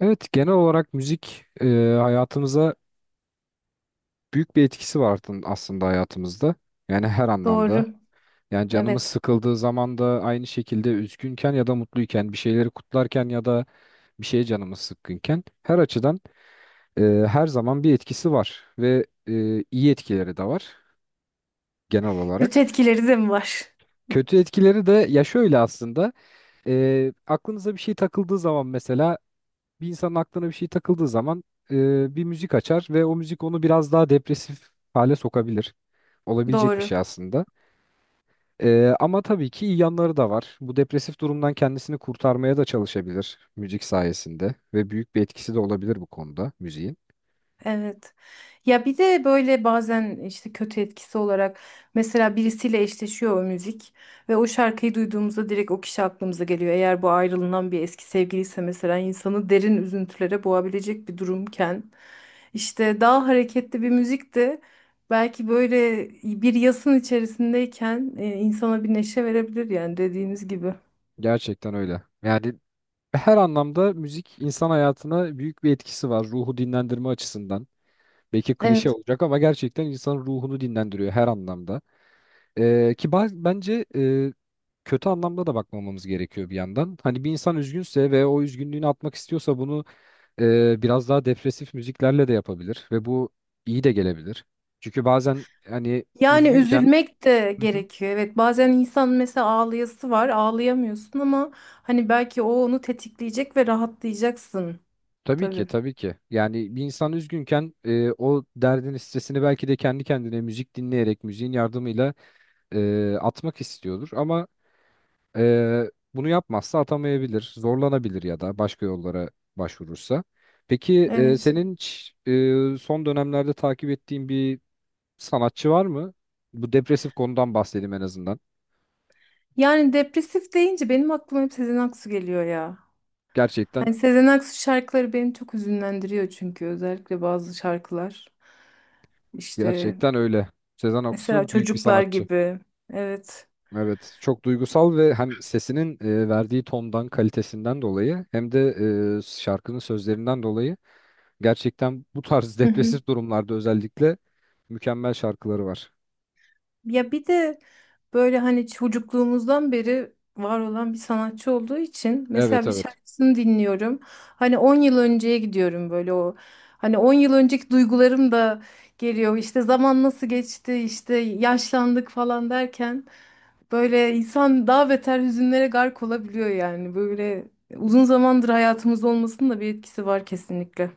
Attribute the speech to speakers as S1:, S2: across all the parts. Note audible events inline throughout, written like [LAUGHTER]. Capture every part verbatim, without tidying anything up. S1: Evet, genel olarak müzik e, hayatımıza büyük bir etkisi var artın- aslında hayatımızda. Yani her anlamda.
S2: Doğru.
S1: Yani canımız
S2: Evet.
S1: sıkıldığı zaman da aynı şekilde üzgünken ya da mutluyken, bir şeyleri kutlarken ya da bir şeye canımız sıkkınken her açıdan e, her zaman bir etkisi var ve e, iyi etkileri de var genel
S2: Kötü
S1: olarak.
S2: etkileri de mi var?
S1: Kötü etkileri de ya şöyle aslında, e, aklınıza bir şey takıldığı zaman mesela bir insanın aklına bir şey takıldığı zaman e, bir müzik açar ve o müzik onu biraz daha depresif hale sokabilir. Olabilecek bir
S2: Doğru.
S1: şey aslında. E, ama tabii ki iyi yanları da var. Bu depresif durumdan kendisini kurtarmaya da çalışabilir müzik sayesinde ve büyük bir etkisi de olabilir bu konuda müziğin.
S2: Evet. Ya bir de böyle bazen işte kötü etkisi olarak mesela birisiyle eşleşiyor o müzik ve o şarkıyı duyduğumuzda direkt o kişi aklımıza geliyor. Eğer bu ayrılınan bir eski sevgiliyse mesela insanı derin üzüntülere boğabilecek bir durumken işte daha hareketli bir müzik de belki böyle bir yasın içerisindeyken e, insana bir neşe verebilir yani dediğiniz gibi.
S1: Gerçekten öyle. Yani her anlamda müzik insan hayatına büyük bir etkisi var ruhu dinlendirme açısından. Belki klişe
S2: Evet.
S1: olacak ama gerçekten insanın ruhunu dinlendiriyor her anlamda. Ee, ki baz- bence e, kötü anlamda da bakmamamız gerekiyor bir yandan. Hani bir insan üzgünse ve o üzgünlüğünü atmak istiyorsa bunu e, biraz daha depresif müziklerle de yapabilir ve bu iyi de gelebilir. Çünkü bazen hani
S2: Yani
S1: üzgünken.
S2: üzülmek de
S1: Hı hı.
S2: gerekiyor. Evet, bazen insan mesela ağlayası var, ağlayamıyorsun ama hani belki o onu tetikleyecek ve rahatlayacaksın.
S1: tabii ki
S2: Tabii.
S1: tabii ki yani bir insan üzgünken e, o derdini stresini belki de kendi kendine müzik dinleyerek müziğin yardımıyla e, atmak istiyordur ama. Ee, bunu yapmazsa atamayabilir, zorlanabilir ya da başka yollara başvurursa. Peki e,
S2: Evet.
S1: senin hiç, e, son dönemlerde takip ettiğin bir sanatçı var mı? Bu depresif konudan bahsedeyim en azından.
S2: Yani depresif deyince benim aklıma hep Sezen Aksu geliyor ya.
S1: Gerçekten
S2: Hani Sezen Aksu şarkıları beni çok hüzünlendiriyor çünkü özellikle bazı şarkılar. İşte
S1: gerçekten öyle. Sezen
S2: mesela
S1: Aksu büyük bir
S2: çocuklar
S1: sanatçı.
S2: gibi. Evet.
S1: Evet, çok duygusal ve hem sesinin e, verdiği tondan, kalitesinden dolayı hem de e, şarkının sözlerinden dolayı gerçekten bu tarz [LAUGHS]
S2: Hı hı.
S1: depresif durumlarda özellikle mükemmel şarkıları var.
S2: Ya bir de böyle hani çocukluğumuzdan beri var olan bir sanatçı olduğu için
S1: Evet,
S2: mesela bir
S1: evet.
S2: şarkısını dinliyorum. Hani on yıl önceye gidiyorum, böyle o hani on yıl önceki duygularım da geliyor. İşte zaman nasıl geçti, işte yaşlandık falan derken böyle insan daha beter hüzünlere gark olabiliyor yani. Böyle uzun zamandır hayatımızda olmasının da bir etkisi var kesinlikle.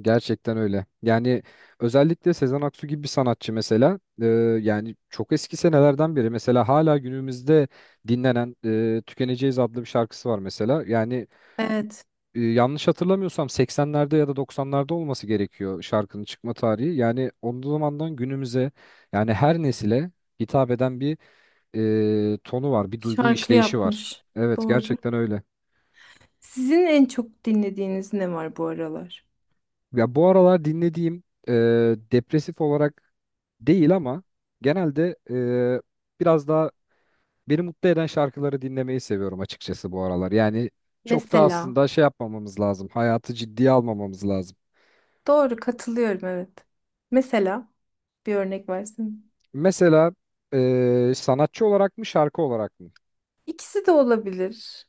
S1: Gerçekten öyle. Yani özellikle Sezen Aksu gibi bir sanatçı mesela, e, yani çok eski senelerden beri mesela hala günümüzde dinlenen e, Tükeneceğiz adlı bir şarkısı var mesela. Yani
S2: Evet,
S1: e, yanlış hatırlamıyorsam seksenlerde ya da doksanlarda olması gerekiyor şarkının çıkma tarihi. Yani o zamandan günümüze yani her nesile hitap eden bir e, tonu var, bir duygu
S2: şarkı
S1: işleyişi var.
S2: yapmış.
S1: Evet,
S2: Doğru.
S1: gerçekten öyle.
S2: Sizin en çok dinlediğiniz ne var bu aralar?
S1: Ya bu aralar dinlediğim, e, depresif olarak değil ama genelde e, biraz daha beni mutlu eden şarkıları dinlemeyi seviyorum açıkçası bu aralar. Yani çok da
S2: Mesela.
S1: aslında şey yapmamamız lazım. Hayatı ciddiye almamamız lazım.
S2: Doğru, katılıyorum, evet. Mesela bir örnek versin.
S1: Mesela e, sanatçı olarak mı şarkı olarak mı?
S2: İkisi de olabilir.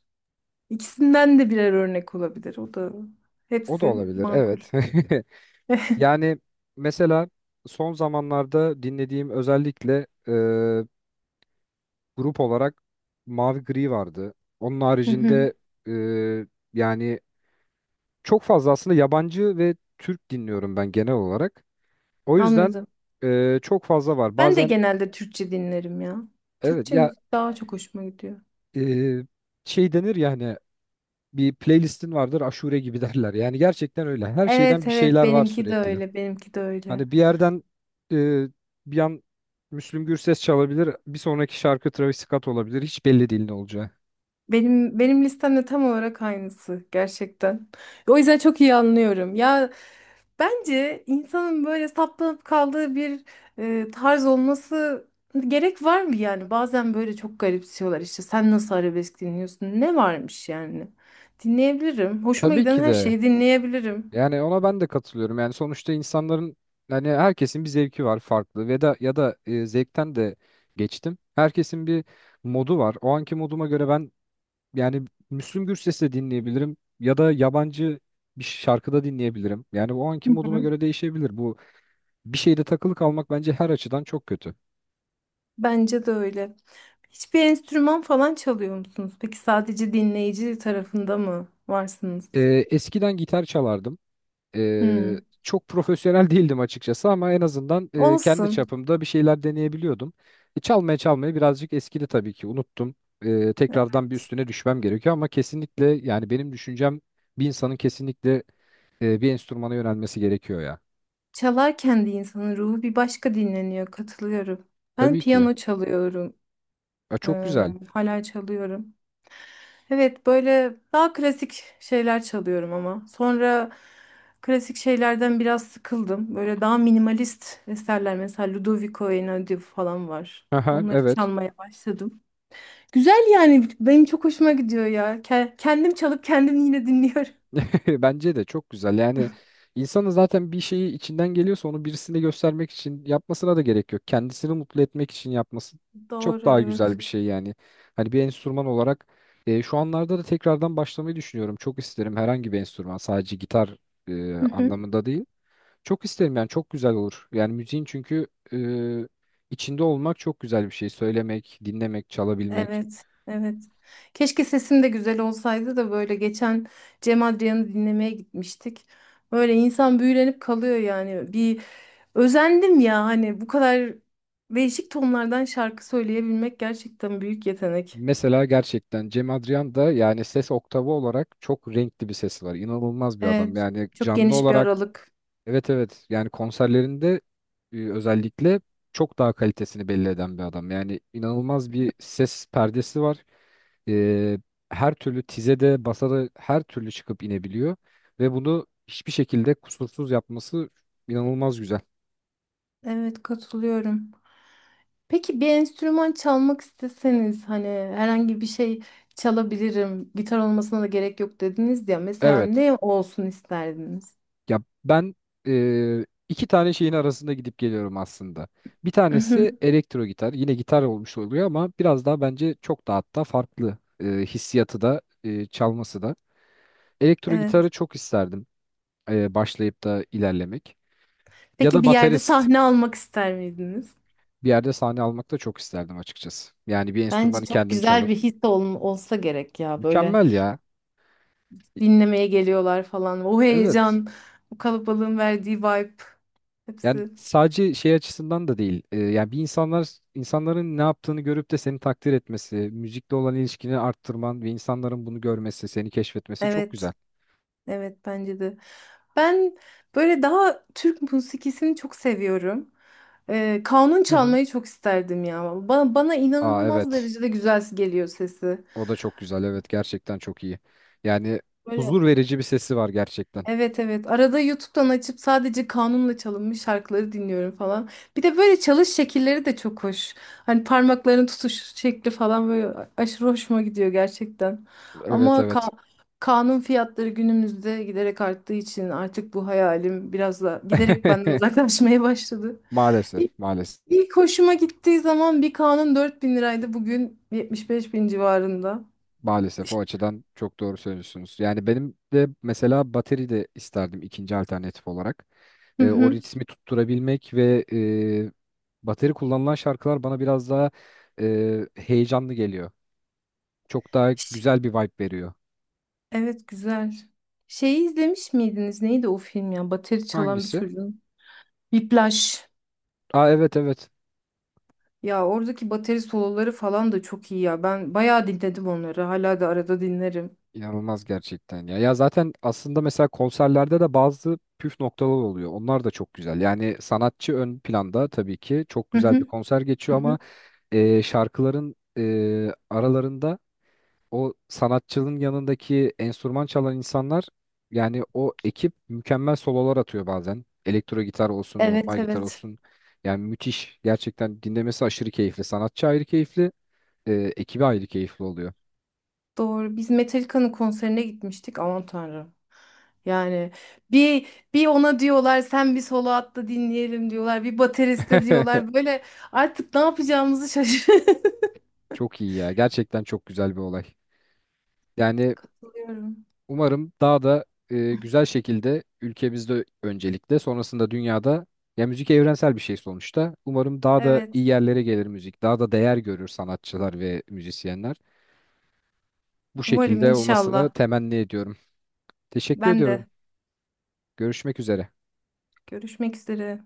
S2: İkisinden de birer örnek olabilir. O da
S1: O da
S2: hepsi
S1: olabilir.
S2: makul.
S1: Evet. [LAUGHS]
S2: [LAUGHS]
S1: Yani mesela son zamanlarda dinlediğim özellikle grup olarak mavi gri vardı. Onun
S2: Hı hı,
S1: haricinde e, yani çok fazla aslında yabancı ve Türk dinliyorum ben genel olarak. O yüzden
S2: anladım.
S1: e, çok fazla var.
S2: Ben de
S1: Bazen
S2: genelde Türkçe dinlerim ya.
S1: evet
S2: Türkçe
S1: ya,
S2: müzik daha çok hoşuma gidiyor.
S1: e, şey denir ya hani bir playlistin vardır aşure gibi [LAUGHS] derler. Yani gerçekten öyle. Her şeyden
S2: Evet,
S1: bir
S2: evet,
S1: şeyler var
S2: benimki de
S1: sürekli.
S2: öyle, benimki de öyle.
S1: Hani bir yerden, e, bir an Müslüm Gürses çalabilir. Bir sonraki şarkı Travis Scott olabilir. Hiç belli değil ne olacağı.
S2: Benim benim listemde tam olarak aynısı gerçekten. O yüzden çok iyi anlıyorum. Ya, bence insanın böyle saplanıp kaldığı bir e, tarz olması gerek var mı yani? Bazen böyle çok garipsiyorlar, işte sen nasıl arabesk dinliyorsun? Ne varmış yani? Dinleyebilirim. Hoşuma
S1: Tabii
S2: giden
S1: ki
S2: her
S1: de.
S2: şeyi dinleyebilirim.
S1: Yani ona ben de katılıyorum. Yani sonuçta insanların hani herkesin bir zevki var farklı ve da ya da e, zevkten de geçtim. Herkesin bir modu var. O anki moduma göre ben yani Müslüm Gürses de dinleyebilirim ya da yabancı bir şarkıda dinleyebilirim. Yani o anki
S2: Hı
S1: moduma
S2: hı.
S1: göre değişebilir. Bu bir şeyde takılı kalmak bence her açıdan çok kötü.
S2: Bence de öyle. Hiçbir enstrüman falan çalıyor musunuz? Peki sadece dinleyici tarafında mı varsınız?
S1: Ee, Eskiden gitar çalardım. Ee,
S2: Hmm.
S1: Çok profesyonel [LAUGHS] değildim açıkçası ama en azından e, kendi
S2: Olsun.
S1: çapımda bir şeyler deneyebiliyordum. E, çalmaya çalmaya birazcık eskidi tabii ki unuttum. Ee, tekrardan bir üstüne düşmem gerekiyor ama kesinlikle yani benim düşüncem bir insanın kesinlikle e, bir enstrümana yönelmesi gerekiyor ya.
S2: Çalarken de insanın ruhu bir başka dinleniyor. Katılıyorum. Ben
S1: Tabii ki.
S2: piyano çalıyorum.
S1: Ya çok
S2: Ee,
S1: güzel.
S2: hala çalıyorum. Evet, böyle daha klasik şeyler çalıyorum ama. Sonra klasik şeylerden biraz sıkıldım. Böyle daha minimalist eserler, mesela Ludovico Einaudi falan var.
S1: Aha,
S2: Onları
S1: evet.
S2: çalmaya başladım. Güzel, yani benim çok hoşuma gidiyor ya. Ke- Kendim çalıp kendim yine dinliyorum.
S1: [LAUGHS] Bence de çok güzel. Yani insanın zaten bir şeyi içinden geliyorsa onu birisine göstermek için yapmasına da gerek yok. Kendisini mutlu etmek için yapması
S2: [LAUGHS]
S1: çok
S2: Doğru,
S1: daha
S2: evet.
S1: güzel bir şey yani. Hani bir enstrüman olarak e, şu anlarda da tekrardan başlamayı düşünüyorum. Çok isterim herhangi bir enstrüman, sadece gitar e,
S2: [LAUGHS]
S1: anlamında değil. Çok isterim yani çok güzel olur. Yani müziğin çünkü e, içinde olmak çok güzel bir şey. Söylemek, dinlemek, çalabilmek.
S2: Evet, evet. Keşke sesim de güzel olsaydı da böyle geçen Cem Adrian'ı dinlemeye gitmiştik. Böyle insan büyülenip kalıyor yani. Bir özendim ya, hani bu kadar değişik tonlardan şarkı söyleyebilmek gerçekten büyük yetenek.
S1: Mesela gerçekten Cem Adrian da yani ses oktavı olarak çok renkli bir sesi var. İnanılmaz bir adam.
S2: Evet,
S1: Yani
S2: çok
S1: canlı
S2: geniş bir
S1: olarak
S2: aralık.
S1: evet, evet, yani konserlerinde e, özellikle çok daha kalitesini belli eden bir adam. Yani inanılmaz bir ses perdesi var. E, Her türlü tizede, basada her türlü çıkıp inebiliyor ve bunu hiçbir şekilde kusursuz yapması inanılmaz güzel.
S2: Evet, katılıyorum. Peki bir enstrüman çalmak isteseniz, hani herhangi bir şey çalabilirim, gitar olmasına da gerek yok dediniz ya. Mesela
S1: Evet.
S2: ne olsun isterdiniz?
S1: Ya ben eee, iki tane şeyin arasında gidip geliyorum aslında. Bir tanesi
S2: [LAUGHS]
S1: elektro gitar. Yine gitar olmuş oluyor ama biraz daha bence çok daha hatta farklı, eee, hissiyatı da, eee, çalması da. Elektro gitarı
S2: Evet.
S1: çok isterdim eee, başlayıp da ilerlemek. Ya
S2: Peki
S1: da
S2: bir yerde
S1: baterist
S2: sahne almak ister miydiniz?
S1: bir yerde sahne almak da çok isterdim açıkçası. Yani bir
S2: Bence
S1: enstrümanı
S2: çok
S1: kendim
S2: güzel
S1: çalıp.
S2: bir his ol- olsa gerek ya. Böyle
S1: Mükemmel ya.
S2: dinlemeye geliyorlar falan. O
S1: Evet.
S2: heyecan, o kalabalığın verdiği vibe,
S1: Yani
S2: hepsi.
S1: sadece şey açısından da değil. Ee, yani bir insanlar insanların ne yaptığını görüp de seni takdir etmesi, müzikle olan ilişkini arttırman ve insanların bunu görmesi, seni keşfetmesi çok güzel.
S2: Evet, evet, bence de. Ben böyle daha Türk musikisini çok seviyorum. Ee, kanun
S1: Hı hı.
S2: çalmayı çok isterdim ya. Bana, bana
S1: Aa,
S2: inanılmaz
S1: evet.
S2: derecede güzel geliyor sesi.
S1: O da çok güzel. Evet, gerçekten çok iyi. Yani
S2: Böyle.
S1: huzur verici bir sesi var gerçekten.
S2: Evet, evet. Arada YouTube'dan açıp sadece kanunla çalınmış şarkıları dinliyorum falan. Bir de böyle çalış şekilleri de çok hoş. Hani parmakların tutuş şekli falan böyle aşırı hoşuma gidiyor gerçekten.
S1: Evet,
S2: Ama ka-
S1: evet.
S2: kanun fiyatları günümüzde giderek arttığı için artık bu hayalim biraz da giderek benden [LAUGHS]
S1: [LAUGHS]
S2: uzaklaşmaya başladı.
S1: Maalesef,
S2: İlk,
S1: maalesef.
S2: ilk hoşuma gittiği zaman bir kanun dört bin liraydı. Bugün yetmiş beş bin civarında.
S1: Maalesef o
S2: İşte.
S1: açıdan çok doğru söylüyorsunuz. Yani benim de mesela bateri de isterdim ikinci alternatif olarak.
S2: Hı
S1: Ee, o
S2: hı.
S1: ritmi tutturabilmek ve e, bateri kullanılan şarkılar bana biraz daha e, heyecanlı geliyor. Çok daha
S2: Ş-
S1: güzel bir vibe veriyor.
S2: Evet, güzel. Şeyi izlemiş miydiniz? Neydi o film ya? Bateri çalan bir
S1: Hangisi?
S2: çocuğun. Whiplash.
S1: Aa, evet, evet.
S2: Ya oradaki bateri soloları falan da çok iyi ya. Ben bayağı dinledim onları. Hala da arada dinlerim.
S1: İnanılmaz gerçekten ya. Ya zaten aslında mesela konserlerde de bazı püf noktalar oluyor. Onlar da çok güzel. Yani sanatçı ön planda tabii ki çok
S2: Hı
S1: güzel bir
S2: hı.
S1: konser geçiyor
S2: Hı
S1: ama
S2: hı.
S1: e, şarkıların e, aralarında o sanatçının yanındaki enstrüman çalan insanlar yani o ekip mükemmel sololar atıyor bazen. Elektro gitar olsun,
S2: Evet,
S1: normal gitar
S2: evet.
S1: olsun. Yani müthiş. Gerçekten dinlemesi aşırı keyifli. Sanatçı ayrı keyifli, e, ekibi ayrı keyifli oluyor.
S2: Doğru. Biz Metallica'nın konserine gitmiştik. Aman Tanrım. Yani bir bir ona diyorlar sen bir solo at da dinleyelim diyorlar. Bir bateriste
S1: [LAUGHS]
S2: diyorlar. Böyle artık ne yapacağımızı şaşırıyorum.
S1: Çok iyi ya. Gerçekten çok güzel bir olay. Yani
S2: [LAUGHS]
S1: umarım daha da e, güzel şekilde ülkemizde öncelikle sonrasında dünyada, ya müzik evrensel bir şey sonuçta. Umarım daha da iyi
S2: Evet.
S1: yerlere gelir müzik. Daha da değer görür sanatçılar ve müzisyenler. Bu
S2: Umarım
S1: şekilde olmasını
S2: inşallah.
S1: temenni ediyorum. Teşekkür
S2: Ben
S1: ediyorum.
S2: de.
S1: Görüşmek üzere.
S2: Görüşmek üzere.